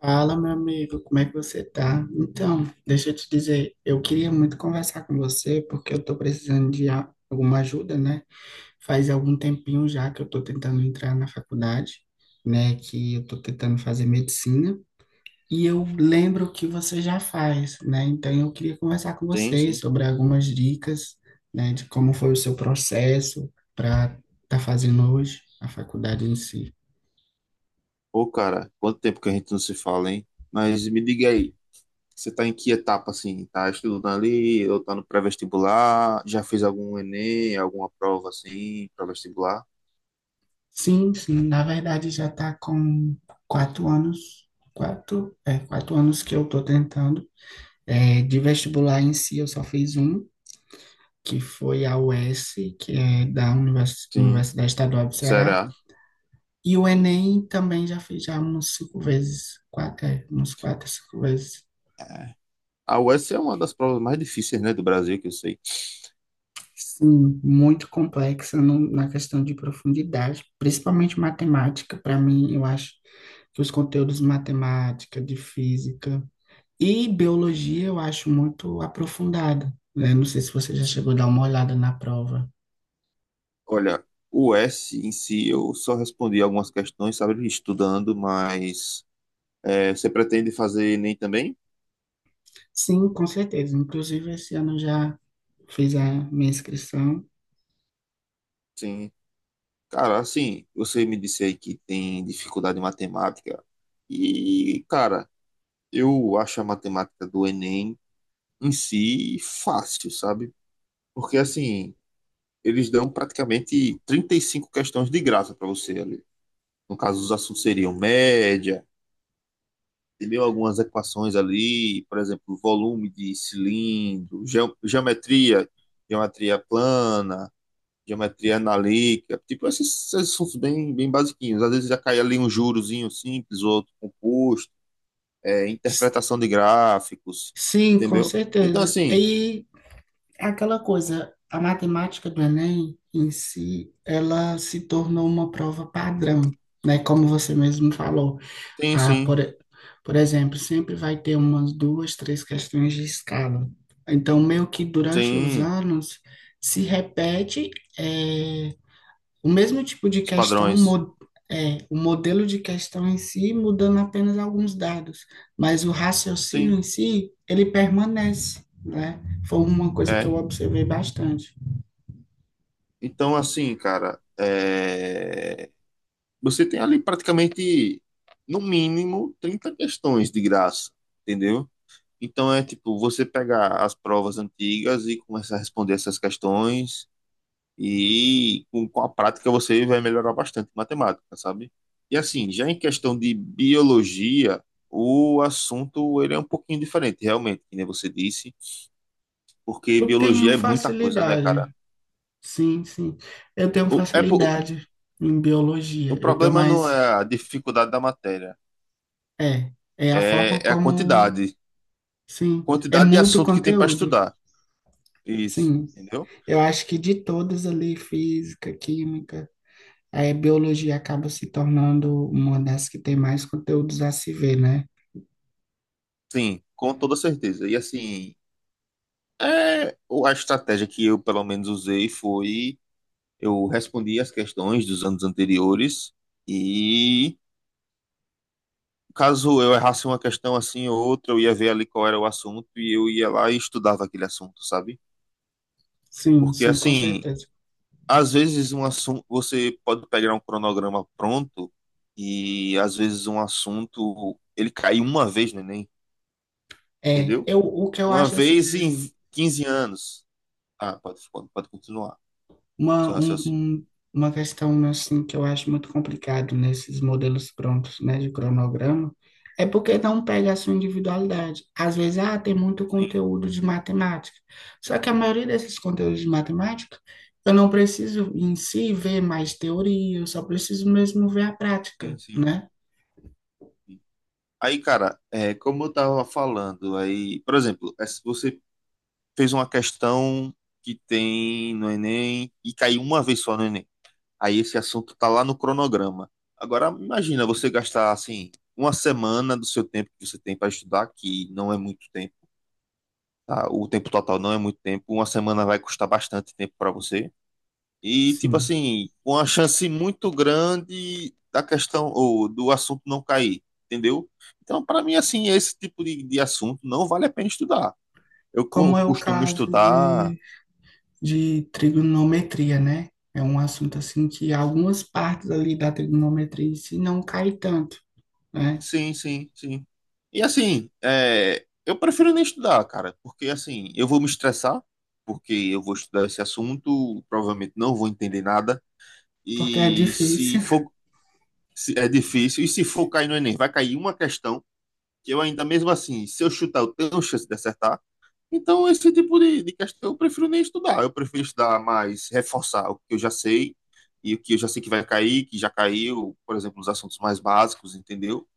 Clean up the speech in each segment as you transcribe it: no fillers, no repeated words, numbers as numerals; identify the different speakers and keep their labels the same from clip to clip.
Speaker 1: Fala, meu amigo, como é que você tá? Então, deixa eu te dizer, eu queria muito conversar com você porque eu tô precisando de alguma ajuda, né? Faz algum tempinho já que eu tô tentando entrar na faculdade, né? Que eu tô tentando fazer medicina e eu lembro que você já faz, né? Então, eu queria conversar com
Speaker 2: Sim,
Speaker 1: você
Speaker 2: sim.
Speaker 1: sobre algumas dicas, né? De como foi o seu processo para estar tá fazendo hoje a faculdade em si.
Speaker 2: Ô cara, quanto tempo que a gente não se fala, hein? Mas me diga aí, você tá em que etapa, assim? Tá estudando ali, ou tá no pré-vestibular? Já fez algum Enem, alguma prova, assim, pré-vestibular?
Speaker 1: Sim, sim, na verdade já está com quatro anos, quatro anos que eu estou tentando. É, de vestibular em si, eu só fiz um, que foi a US, que é da
Speaker 2: Sim,
Speaker 1: Universidade Estadual do Ceará.
Speaker 2: será?
Speaker 1: E o
Speaker 2: Sim.
Speaker 1: Enem também já fiz já uns cinco vezes, uns quatro, cinco vezes.
Speaker 2: É. A US é uma das provas mais difíceis, né, do Brasil, que eu sei.
Speaker 1: Sim, muito complexa na questão de profundidade, principalmente matemática. Para mim, eu acho que os conteúdos de matemática, de física, e biologia eu acho muito aprofundada, né? Não sei se você já chegou
Speaker 2: Sim.
Speaker 1: a dar uma olhada na prova.
Speaker 2: Olha, o S em si, eu só respondi algumas questões, sabe, estudando, mas você pretende fazer Enem também?
Speaker 1: Sim, com certeza. Inclusive, esse ano eu já fiz a minha inscrição.
Speaker 2: Sim. Cara, assim, você me disse aí que tem dificuldade em matemática. E, cara, eu acho a matemática do Enem em si fácil, sabe? Porque, assim, eles dão praticamente 35 questões de graça para você ali. No caso, os assuntos seriam média, entendeu? Algumas equações ali, por exemplo, volume de cilindro, geometria, geometria plana. Geometria analítica, tipo esses assuntos bem, bem basiquinhos. Às vezes já cai ali um jurozinho simples, outro composto,
Speaker 1: S-
Speaker 2: interpretação de gráficos,
Speaker 1: Sim, com
Speaker 2: entendeu? Então,
Speaker 1: certeza.
Speaker 2: assim,
Speaker 1: E aquela coisa, a matemática do Enem em si, ela se tornou uma prova padrão, né? Como você mesmo falou.
Speaker 2: sim,
Speaker 1: Ah,
Speaker 2: sim,
Speaker 1: por, e- por exemplo, sempre vai ter umas duas, três questões de escala. Então, meio que durante os
Speaker 2: sim,
Speaker 1: anos se repete eh, o mesmo tipo de
Speaker 2: os
Speaker 1: questão,
Speaker 2: padrões,
Speaker 1: o modelo de questão em si, mudando apenas alguns dados, mas o raciocínio
Speaker 2: sim,
Speaker 1: em si, ele permanece, né? Foi uma coisa que eu
Speaker 2: é.
Speaker 1: observei bastante.
Speaker 2: Então, assim, cara, você tem ali praticamente, no mínimo, 30 questões de graça, entendeu? Então é tipo, você pegar as provas antigas e começar a responder essas questões. E com a prática você vai melhorar bastante em matemática, sabe? E assim, já em questão de biologia, o assunto ele é um pouquinho diferente, realmente, que nem você disse, porque
Speaker 1: Eu tenho
Speaker 2: biologia é muita coisa, né, cara?
Speaker 1: facilidade, sim, sim, eu tenho
Speaker 2: O, é, po- o,
Speaker 1: facilidade em
Speaker 2: o
Speaker 1: biologia, eu tenho
Speaker 2: problema não
Speaker 1: mais.
Speaker 2: é a dificuldade da matéria,
Speaker 1: É, é a
Speaker 2: é,
Speaker 1: forma
Speaker 2: é a
Speaker 1: como,
Speaker 2: quantidade.
Speaker 1: sim, é
Speaker 2: Quantidade de
Speaker 1: muito
Speaker 2: assunto que tem para
Speaker 1: conteúdo,
Speaker 2: estudar. Isso,
Speaker 1: sim.
Speaker 2: entendeu?
Speaker 1: Eu acho que de todas ali, física, química, a biologia acaba se tornando uma das que tem mais conteúdos a se ver, né?
Speaker 2: Sim, com toda certeza. E assim, a estratégia que eu, pelo menos, usei foi. Eu respondi as questões dos anos anteriores e caso eu errasse uma questão assim ou outra, eu ia ver ali qual era o assunto e eu ia lá e estudava aquele assunto, sabe?
Speaker 1: Sim,
Speaker 2: Porque
Speaker 1: sim, com
Speaker 2: assim,
Speaker 1: certeza.
Speaker 2: às vezes um assunto, você pode pegar um cronograma pronto e às vezes um assunto ele cai uma vez no Enem,
Speaker 1: É,
Speaker 2: entendeu?
Speaker 1: eu, o que eu
Speaker 2: Uma
Speaker 1: acho assim.
Speaker 2: vez em 15 anos. Ah, pode continuar
Speaker 1: Uma,
Speaker 2: seu
Speaker 1: um,
Speaker 2: raciocínio.
Speaker 1: um- uma questão assim que eu acho muito complicado nesses modelos prontos, né, de cronograma, é porque não pega a sua individualidade. Às vezes, ah, tem muito
Speaker 2: Sim,
Speaker 1: conteúdo de matemática. Só que a maioria desses conteúdos de matemática, eu não preciso em si ver mais teoria, eu só preciso mesmo ver a
Speaker 2: sim,
Speaker 1: prática,
Speaker 2: sim.
Speaker 1: né?
Speaker 2: Aí, cara, como eu tava falando, aí, por exemplo, se você fez uma questão que tem no Enem e caiu uma vez só no Enem. Aí esse assunto tá lá no cronograma. Agora, imagina você gastar, assim, uma semana do seu tempo que você tem para estudar, que não é muito tempo, tá? O tempo total não é muito tempo. Uma semana vai custar bastante tempo para você. E, tipo
Speaker 1: Sim.
Speaker 2: assim, com uma chance muito grande da questão ou do assunto não cair, entendeu? Então, para mim, assim, esse tipo de assunto não vale a pena estudar. Eu
Speaker 1: Como é o
Speaker 2: costumo
Speaker 1: caso
Speaker 2: estudar.
Speaker 1: de trigonometria, né? É um assunto assim que algumas partes ali da trigonometria em si não cai tanto, né?
Speaker 2: Sim, sim, sim. E, assim, eu prefiro nem estudar, cara, porque, assim, eu vou me estressar, porque eu vou estudar esse assunto, provavelmente não vou entender nada.
Speaker 1: Porque é
Speaker 2: E
Speaker 1: difícil,
Speaker 2: se é difícil, e se for cair no Enem, vai cair uma questão, que eu ainda mesmo assim, se eu chutar, eu tenho chance de acertar. Então, esse tipo de questão eu prefiro nem estudar. Eu prefiro estudar mais, reforçar o que eu já sei e o que eu já sei que vai cair, que já caiu, por exemplo, os assuntos mais básicos, entendeu?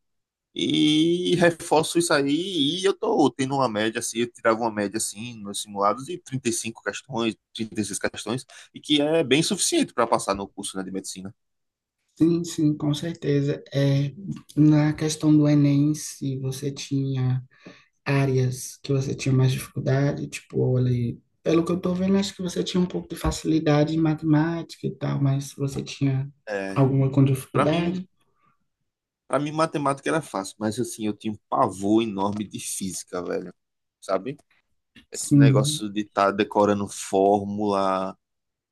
Speaker 2: E reforço isso aí e eu tô tendo uma média assim, eu tirava uma média assim nos simulados de 35 questões, 36 questões, e que é bem suficiente para passar no curso, né, de medicina.
Speaker 1: sim, sim, com certeza. É, na questão do Enem, se você tinha áreas que você tinha mais dificuldade, tipo, olha, pelo que eu tô vendo, acho que você tinha um pouco de facilidade em matemática e tal, mas você tinha
Speaker 2: É,
Speaker 1: alguma com
Speaker 2: para mim,
Speaker 1: dificuldade?
Speaker 2: Pra mim, matemática era fácil, mas assim, eu tinha um pavor enorme de física, velho. Sabe? Esse
Speaker 1: Sim,
Speaker 2: negócio de estar decorando fórmula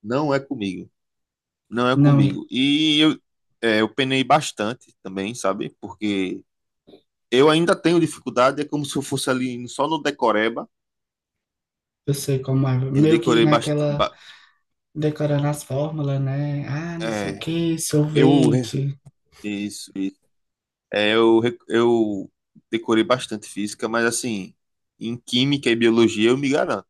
Speaker 2: não é comigo. Não é
Speaker 1: não,
Speaker 2: comigo. E eu penei bastante também, sabe? Porque eu ainda tenho dificuldade, é como se eu fosse ali só no decoreba.
Speaker 1: eu sei como é.
Speaker 2: Eu
Speaker 1: Meio que
Speaker 2: decorei bastante.
Speaker 1: naquela decorando as fórmulas, né? Ah, não sei o
Speaker 2: É,
Speaker 1: que,
Speaker 2: eu.
Speaker 1: sorvete.
Speaker 2: Isso, isso. É, eu decorei bastante física, mas assim, em química e biologia eu me garanto.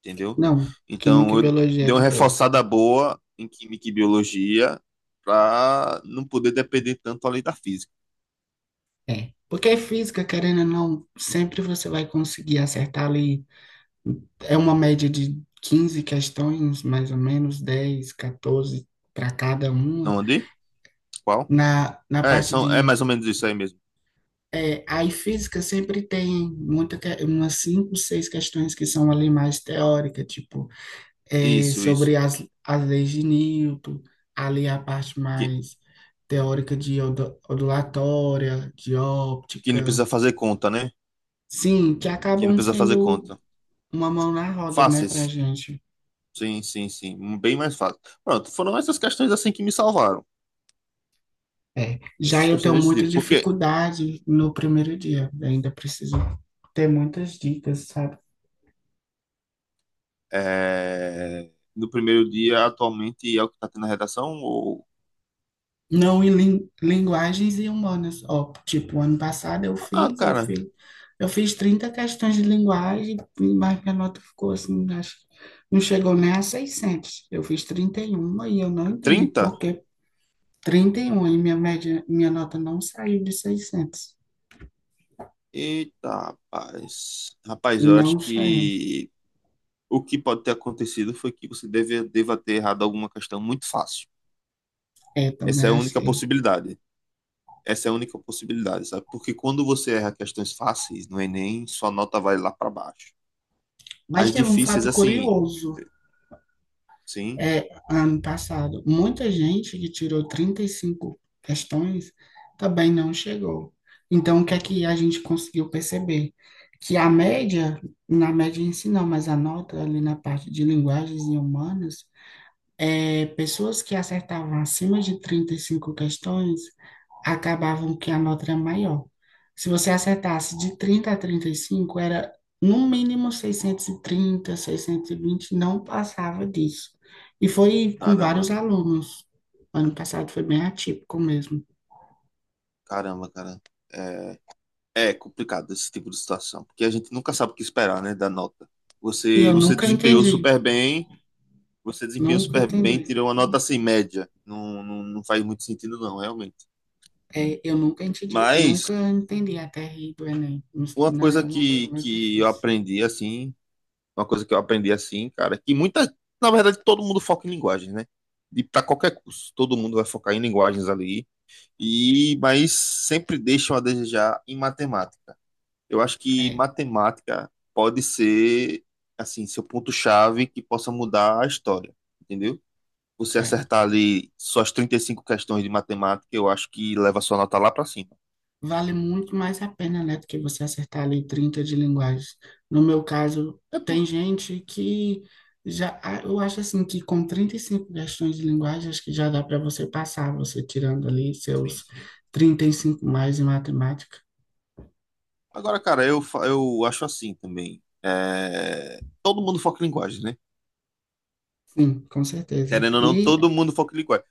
Speaker 2: Entendeu?
Speaker 1: Não, química
Speaker 2: Então,
Speaker 1: e
Speaker 2: eu
Speaker 1: biologia é
Speaker 2: dei uma
Speaker 1: de boa.
Speaker 2: reforçada boa em química e biologia para não poder depender tanto além da física.
Speaker 1: É. Porque é física, querendo ou não, sempre você vai conseguir acertar ali. É uma média de 15 questões, mais ou menos, 10, 14 para cada uma.
Speaker 2: Não andei? Qual?
Speaker 1: Na
Speaker 2: É,
Speaker 1: parte
Speaker 2: são, é
Speaker 1: de.
Speaker 2: mais ou menos isso aí mesmo.
Speaker 1: É, aí física sempre tem umas cinco, seis questões que são ali mais teórica, tipo,
Speaker 2: Isso,
Speaker 1: sobre
Speaker 2: isso.
Speaker 1: as leis de Newton, ali a parte
Speaker 2: Que,
Speaker 1: mais teórica de ondulatória, de
Speaker 2: que não precisa
Speaker 1: óptica.
Speaker 2: fazer conta, né?
Speaker 1: Sim, que
Speaker 2: Que não
Speaker 1: acabam
Speaker 2: precisa fazer
Speaker 1: sendo
Speaker 2: conta.
Speaker 1: uma mão na roda, né, pra
Speaker 2: Fáceis.
Speaker 1: gente.
Speaker 2: Sim, sim, sim. Bem mais fácil. Pronto, foram essas questões assim que me salvaram.
Speaker 1: É. Já
Speaker 2: Essas
Speaker 1: eu
Speaker 2: questões
Speaker 1: tenho
Speaker 2: desse
Speaker 1: muita
Speaker 2: tipo. Porque
Speaker 1: dificuldade no primeiro dia, ainda preciso ter muitas dicas, sabe?
Speaker 2: no primeiro dia, atualmente, é o que tá tendo na redação? Ou?
Speaker 1: Não em linguagens e humanas. Ó, tipo, ano passado eu
Speaker 2: Ah,
Speaker 1: fiz, eu
Speaker 2: cara,
Speaker 1: fiz, eu fiz 30 questões de linguagem, mas minha nota ficou assim, acho, não chegou nem a seiscentos. Eu fiz trinta e um e eu não entendi por
Speaker 2: 30.
Speaker 1: que 31 e minha média, minha nota não saiu de seiscentos.
Speaker 2: Eita, rapaz. Rapaz,
Speaker 1: E
Speaker 2: eu acho
Speaker 1: não saiu.
Speaker 2: que o que pode ter acontecido foi que você deva ter errado alguma questão muito fácil.
Speaker 1: É,
Speaker 2: Essa
Speaker 1: também
Speaker 2: é a única
Speaker 1: achei.
Speaker 2: possibilidade. Essa é a única possibilidade, sabe? Porque quando você erra questões fáceis no Enem, sua nota vai lá para baixo.
Speaker 1: Mas
Speaker 2: As
Speaker 1: teve um
Speaker 2: difíceis,
Speaker 1: fato
Speaker 2: assim,
Speaker 1: curioso.
Speaker 2: sim,
Speaker 1: É, ano passado, muita gente que tirou 35 questões também não chegou. Então, o que é que a gente conseguiu perceber? Que a média, na média em si não, mas a nota ali na parte de linguagens e humanas, é, pessoas que acertavam acima de 35 questões acabavam que a nota era maior. Se você acertasse de 30 a 35 era no mínimo seiscentos, seiscentos e trinta, seiscentos e vinte, não passava disso. E foi com vários
Speaker 2: caramba,
Speaker 1: alunos. Ano passado foi bem atípico mesmo.
Speaker 2: caramba, cara. É, é complicado esse tipo de situação, porque a gente nunca sabe o que esperar, né, da nota.
Speaker 1: E
Speaker 2: Você,
Speaker 1: eu
Speaker 2: você
Speaker 1: nunca
Speaker 2: desempenhou
Speaker 1: entendi,
Speaker 2: super bem. Você desempenhou
Speaker 1: nunca
Speaker 2: super bem,
Speaker 1: entendi.
Speaker 2: tirou uma nota assim, média. Não, não, não faz muito sentido, não, realmente.
Speaker 1: É, eu nunca entendi,
Speaker 2: Mas
Speaker 1: nunca entendi a TRI do Enem.
Speaker 2: uma
Speaker 1: Não,
Speaker 2: coisa
Speaker 1: é uma coisa muito
Speaker 2: que eu
Speaker 1: difícil.
Speaker 2: aprendi assim, uma coisa que eu aprendi assim, cara, na verdade, todo mundo foca em linguagens, né? De Para qualquer curso, todo mundo vai focar em linguagens ali. Mas sempre deixam a desejar em matemática. Eu acho que
Speaker 1: É,
Speaker 2: matemática pode ser assim, seu ponto-chave que possa mudar a história, entendeu? Você
Speaker 1: é.
Speaker 2: acertar ali suas 35 questões de matemática, eu acho que leva sua nota lá pra cima.
Speaker 1: Vale muito mais a pena, né, do que você acertar ali 30 de linguagens. No meu caso,
Speaker 2: É, pô.
Speaker 1: tem gente que já, ah, eu acho assim que com 35 questões de linguagem, acho que já dá para você passar, você tirando ali
Speaker 2: Sim,
Speaker 1: seus
Speaker 2: sim.
Speaker 1: trinta e cinco mais em matemática.
Speaker 2: Agora, cara, eu acho assim também. É. Todo mundo foca em linguagem, né?
Speaker 1: Sim, com certeza.
Speaker 2: Querendo ou não,
Speaker 1: E
Speaker 2: todo mundo foca em linguagem.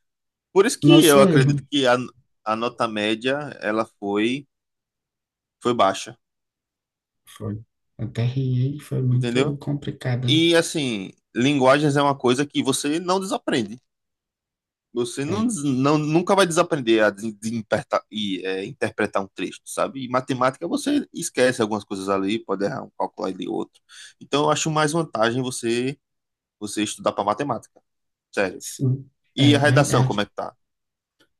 Speaker 2: Por isso que eu
Speaker 1: nosso erro
Speaker 2: acredito que a nota média, ela foi baixa,
Speaker 1: foi. Até riei, foi muito
Speaker 2: entendeu?
Speaker 1: complicado.
Speaker 2: E, assim, linguagens é uma coisa que você não desaprende. Você não,
Speaker 1: É,
Speaker 2: des- não- nunca vai desaprender a interpretar um texto, sabe? E matemática você esquece algumas coisas ali, pode errar um cálculo ali outro. Então eu acho mais vantagem você estudar para matemática, sério.
Speaker 1: sim,
Speaker 2: E
Speaker 1: é
Speaker 2: a redação,
Speaker 1: verdade.
Speaker 2: como é que tá?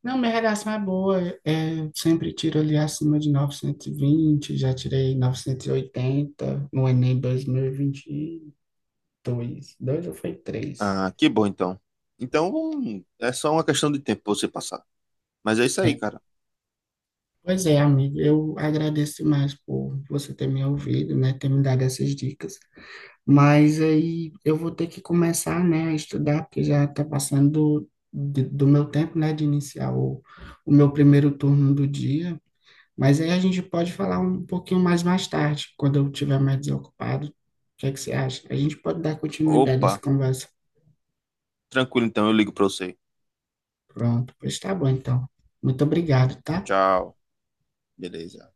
Speaker 1: Não, minha redação é boa. É, eu sempre tiro ali acima de 920. Já tirei 980 no Enem 2022, dois ou foi três?
Speaker 2: Ah, que bom então. Então é só uma questão de tempo pra você passar. Mas é isso
Speaker 1: É.
Speaker 2: aí, cara.
Speaker 1: Pois é, amigo, eu agradeço demais por você ter me ouvido, né, ter me dado essas dicas. Mas aí eu vou ter que começar, né, a estudar, porque já está passando do meu tempo, né, de iniciar o meu primeiro turno do dia. Mas aí a gente pode falar um pouquinho mais tarde, quando eu estiver mais desocupado. O que é que você acha? A gente pode dar continuidade a
Speaker 2: Opa,
Speaker 1: essa conversa.
Speaker 2: tranquilo então, eu ligo para você.
Speaker 1: Pronto, pois tá bom então. Muito obrigado, tá?
Speaker 2: Tchau, tchau. Beleza.